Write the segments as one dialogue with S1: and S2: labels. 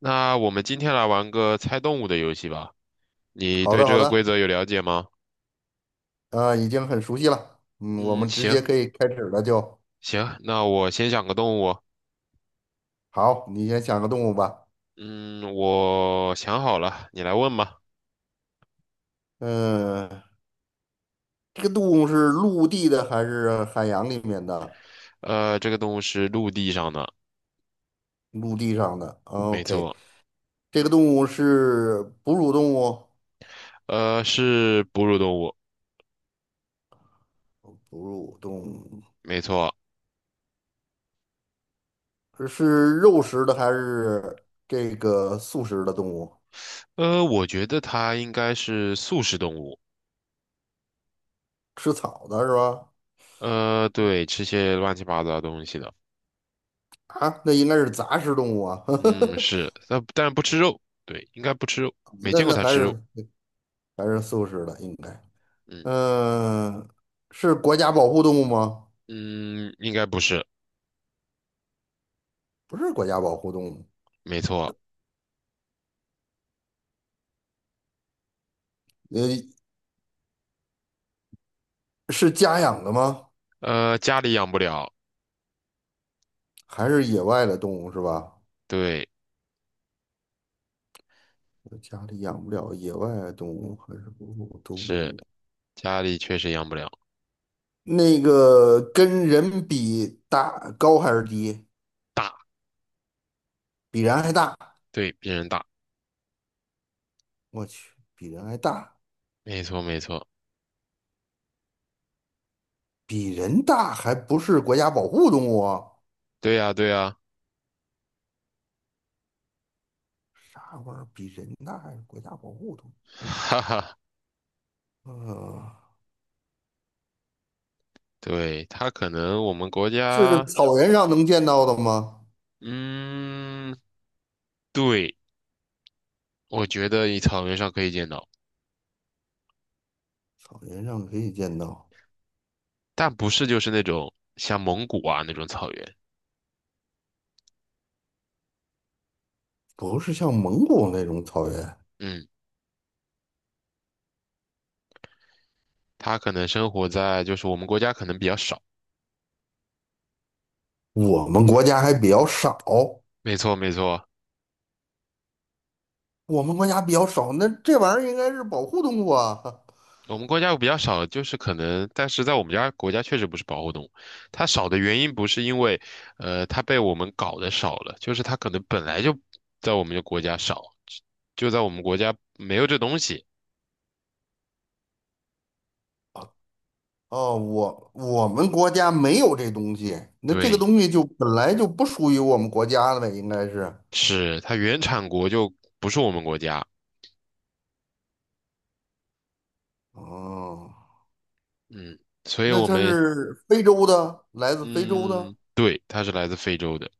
S1: 那我们今天来玩个猜动物的游戏吧。你
S2: 好
S1: 对
S2: 的，
S1: 这
S2: 好
S1: 个规
S2: 的，
S1: 则有了解吗？
S2: 已经很熟悉了。嗯，我
S1: 嗯，
S2: 们直
S1: 行
S2: 接可以开始了就。
S1: 行，那我先想个动物。
S2: 好，你先想个动物吧。
S1: 嗯，我想好了，你来问吧。
S2: 嗯、这个动物是陆地的还是海洋里面的？
S1: 这个动物是陆地上的，
S2: 陆地上的。
S1: 没
S2: OK，
S1: 错。
S2: 这个动物是哺乳动物，
S1: 是哺乳动物，
S2: 哺乳动物
S1: 没错。
S2: 是肉食的还是这个素食的动物？
S1: 我觉得它应该是素食动物。
S2: 吃草的是吧？
S1: 呃，对，吃些乱七八糟的东西的。
S2: 啊，那应该是杂食动物啊。
S1: 嗯，是，但不吃肉。对，应该不吃肉，没
S2: 那
S1: 见过
S2: 那
S1: 它
S2: 还
S1: 吃
S2: 是
S1: 肉。
S2: 还是素食的应该。
S1: 嗯
S2: 嗯，是国家保护动物吗？
S1: 嗯，应该不是，
S2: 不是国家保护动物，
S1: 没错。
S2: 呃，是家养的吗？
S1: 家里养不了，
S2: 还是野外的动物是吧？
S1: 对，
S2: 家里养不了野外的动物，还是哺乳动
S1: 是
S2: 物？
S1: 家里确实养不了，
S2: 那个跟人比大高还是低？
S1: 大，
S2: 比人还大？
S1: 对，比人大，
S2: 我去，比人还大，
S1: 没错没错，
S2: 比人大还不是国家保护动物啊？
S1: 对呀对呀，
S2: 啥玩意儿？比人大还是国家保护动物？
S1: 哈哈，
S2: 呃，
S1: 对，它可能我们国
S2: 是
S1: 家，
S2: 草原上能见到的吗？
S1: 嗯，对，我觉得你草原上可以见到，
S2: 草原上可以见到，
S1: 但不是就是那种像蒙古啊那种草原，
S2: 不是像蒙古那种草原，
S1: 嗯，它可能生活在就是我们国家可能比较少，
S2: 我们国家还比较少，
S1: 没错没错。
S2: 我们国家比较少，那这玩意儿应该是保护动物啊。
S1: 我们国家有比较少的，就是可能，但是在我们家国家确实不是保护动物。它少的原因不是因为，呃，它被我们搞得少了，就是它可能本来就在我们的国家少，就在我们国家没有这东西。
S2: 哦，我们国家没有这东西，那这个
S1: 对，
S2: 东西就本来就不属于我们国家的呗，应该是。
S1: 是它原产国就不是我们国家。
S2: 哦，
S1: 嗯，所以
S2: 那
S1: 我
S2: 它
S1: 们，
S2: 是非洲的，来自非洲的，
S1: 嗯，对，它是来自非洲的。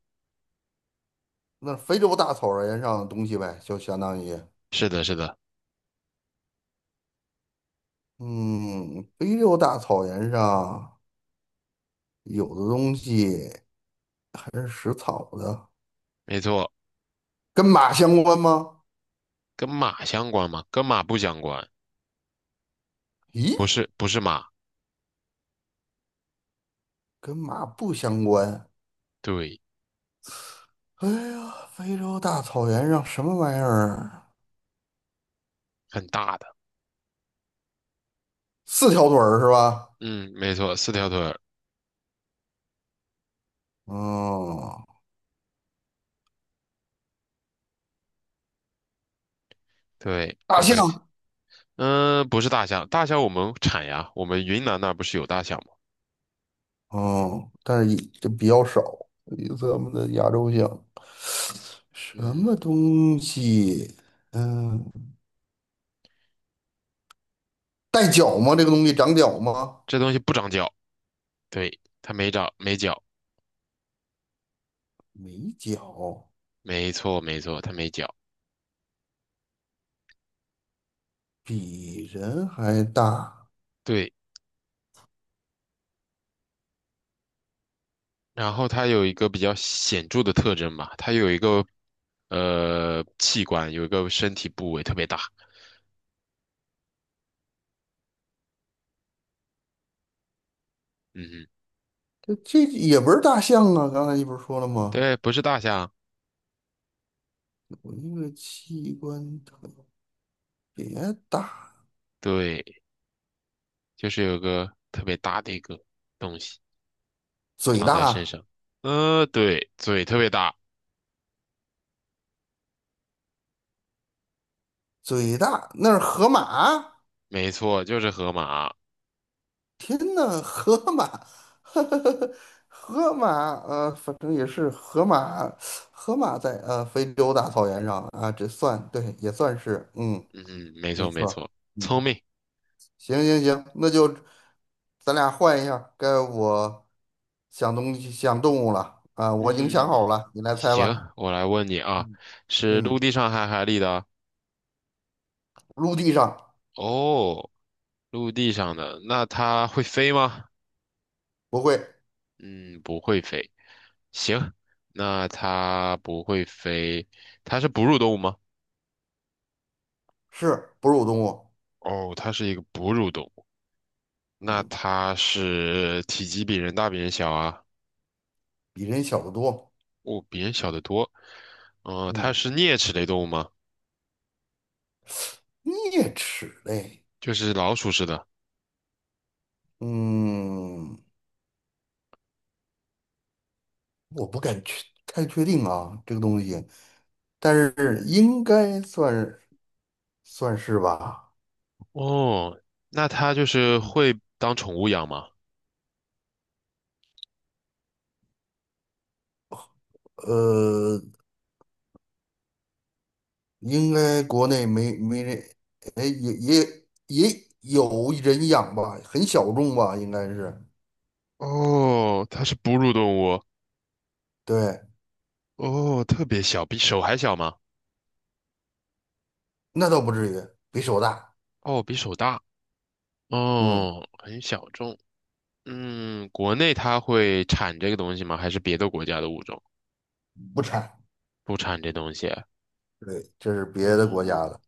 S2: 那非洲大草原上的东西呗，就相当于，
S1: 是的，是的，
S2: 嗯，非洲大草原上有的东西。还是食草的，
S1: 没错，
S2: 跟马相关吗？
S1: 跟马相关吗？跟马不相关，不
S2: 咦，
S1: 是，不是马，
S2: 跟马不相关。
S1: 对，
S2: 哎呀，非洲大草原上什么玩意儿？
S1: 很大的。
S2: 四条腿儿是吧？
S1: 嗯，没错，四条腿儿。
S2: 嗯，
S1: 对，
S2: 大
S1: 有没
S2: 象。
S1: 有想？嗯、不是大象，大象我们产呀，我们云南那儿不是有大象吗？
S2: 嗯，但是这比较少，比咱们的亚洲象。什么
S1: 嗯，
S2: 东西？嗯，带角吗？这个东西长角吗？
S1: 这东西不长脚，对，它没长，没脚，
S2: 没角，
S1: 没错没错，它没脚，
S2: 比人还大。
S1: 对。然后它有一个比较显著的特征吧，它有一个器官，有一个身体部位特别大。嗯哼
S2: 这这也不是大象啊，刚才你不是说了吗？
S1: 对，不是大象，
S2: 我一个器官特别大，
S1: 对，就是有个特别大的一个东西
S2: 嘴
S1: 长在身
S2: 大，
S1: 上。呃，对，嘴特别大，
S2: 嘴大，那是河马。
S1: 没错，就是河马。
S2: 天呐，河马，河马，反正也是河马，河马在非洲大草原上啊，这算对，也算是，嗯，
S1: 嗯，没
S2: 没
S1: 错没
S2: 错儿
S1: 错，聪
S2: 嗯，
S1: 明。
S2: 行行行，那就咱俩换一下该我想东西想动物了啊，我已经想
S1: 嗯，
S2: 好了，你来猜
S1: 行，
S2: 吧。
S1: 我来问你啊，
S2: 嗯
S1: 是陆
S2: 嗯，
S1: 地上还是海里的啊？
S2: 陆地上
S1: 哦，陆地上的，那它会飞吗？
S2: 不会。
S1: 嗯，不会飞。行，那它不会飞，它是哺乳动物吗？
S2: 是哺乳动物，
S1: 哦，它是一个哺乳动物。那
S2: 嗯，
S1: 它是体积比人大，比人小啊？
S2: 比人小得多，
S1: 哦，比人小得多。嗯、它
S2: 嗯，
S1: 是啮齿类动物吗？
S2: 啮齿类，
S1: 就是老鼠似的。
S2: 嗯，我不敢太确定啊，这个东西，但是应该算算是吧，
S1: 哦，那它就是会当宠物养吗？
S2: 呃，应该国内没人，哎，也有人养吧，很小众吧，应该是，
S1: 哦，它是哺乳动物。
S2: 对，
S1: 哦，特别小，比手还小吗？
S2: 那倒不至于，比手大，
S1: 哦，比手大。
S2: 嗯，
S1: 哦，很小众。嗯，国内它会产这个东西吗？还是别的国家的物种
S2: 不产，
S1: 不产这东西？
S2: 对，这是别的国家
S1: 哦，
S2: 的，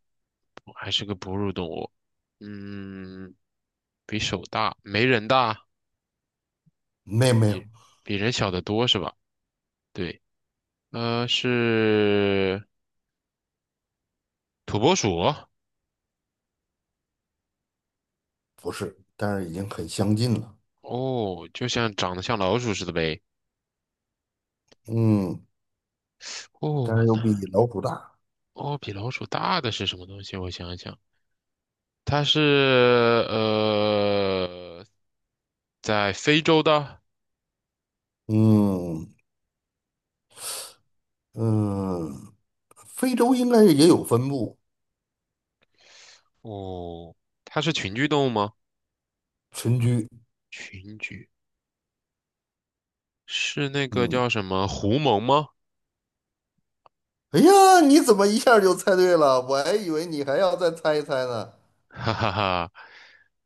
S1: 还是个哺乳动物。嗯，比手大，没人大，
S2: 没有没有。
S1: 比比人小得多是吧？对，是土拨鼠。
S2: 不是，但是已经很相近了。
S1: 哦，就像长得像老鼠似的呗。
S2: 嗯，但
S1: 哦，
S2: 是又
S1: 那
S2: 比老虎大。
S1: 哦，比老鼠大的是什么东西？我想一想，它是呃，在非洲的。
S2: 嗯嗯，非洲应该也有分布
S1: 哦，它是群居动物吗？
S2: 群居。
S1: 群居是那个
S2: 嗯，
S1: 叫什么狐獴吗？
S2: 哎呀，你怎么一下就猜对了？我还以为你还要再猜一猜呢，
S1: 哈哈哈，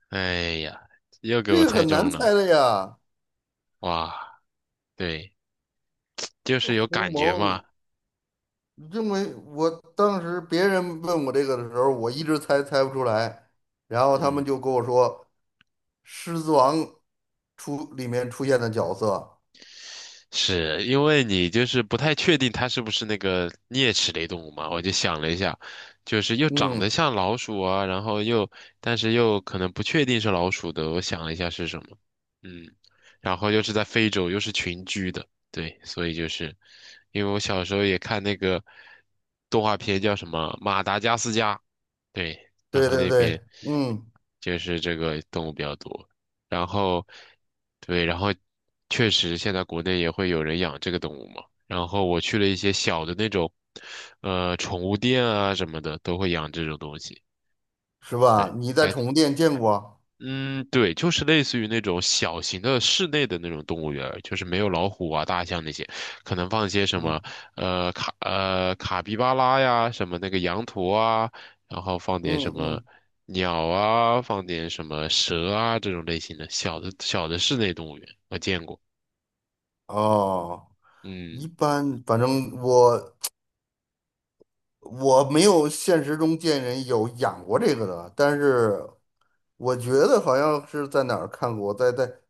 S1: 哎呀，又给我
S2: 这个
S1: 猜
S2: 很难
S1: 中了。
S2: 猜的呀。
S1: 哇，对，就是有
S2: 狐
S1: 感觉
S2: 獴，
S1: 嘛。
S2: 因为我当时别人问我这个的时候，我一直猜不出来，然后他们就
S1: 嗯。
S2: 跟我说，《狮子王》出里面出现的角色。
S1: 是因为你就是不太确定它是不是那个啮齿类动物嘛，我就想了一下，就是又长得
S2: 嗯。
S1: 像老鼠啊，然后但是又可能不确定是老鼠的，我想了一下是什么，嗯，然后又是在非洲，又是群居的，对，所以就是因为我小时候也看那个动画片叫什么《马达加斯加》，对，然
S2: 对
S1: 后
S2: 对
S1: 那边
S2: 对，嗯，
S1: 就是这个动物比较多。然后，对，然后确实现在国内也会有人养这个动物嘛。然后我去了一些小的那种，呃，宠物店啊什么的，都会养这种东西。
S2: 是吧？
S1: 对，
S2: 你在
S1: 还
S2: 宠物店见过？
S1: 嗯，对，就是类似于那种小型的室内的那种动物园儿就是没有老虎啊、大象那些，可能放一些什
S2: 嗯
S1: 么卡皮巴拉呀，什么那个羊驼啊，然后放点什
S2: 嗯
S1: 么
S2: 嗯，
S1: 鸟啊，放点什么蛇啊这种类型的小的室内动物园，我见过。
S2: 哦，一
S1: 嗯，
S2: 般，反正我没有现实中见人有养过这个的，但是我觉得好像是在哪儿看过，在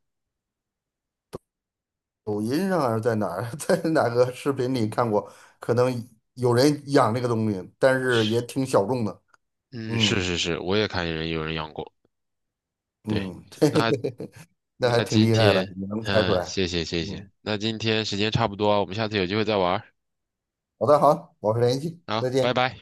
S2: 抖音上还是在哪儿，在哪个视频里看过，可能有人养这个东西，但是
S1: 是，
S2: 也挺小众的。
S1: 嗯，是
S2: 嗯
S1: 是是，我也看见人有人养过。对，
S2: 嗯，
S1: 那
S2: 那还
S1: 那
S2: 挺
S1: 今
S2: 厉害的，
S1: 天，
S2: 你能猜出
S1: 嗯，
S2: 来。
S1: 谢谢，
S2: 嗯，
S1: 那今天时间差不多啊，我们下次有机会再玩儿
S2: 好的，好，保持联系，再
S1: 好，拜
S2: 见。
S1: 拜。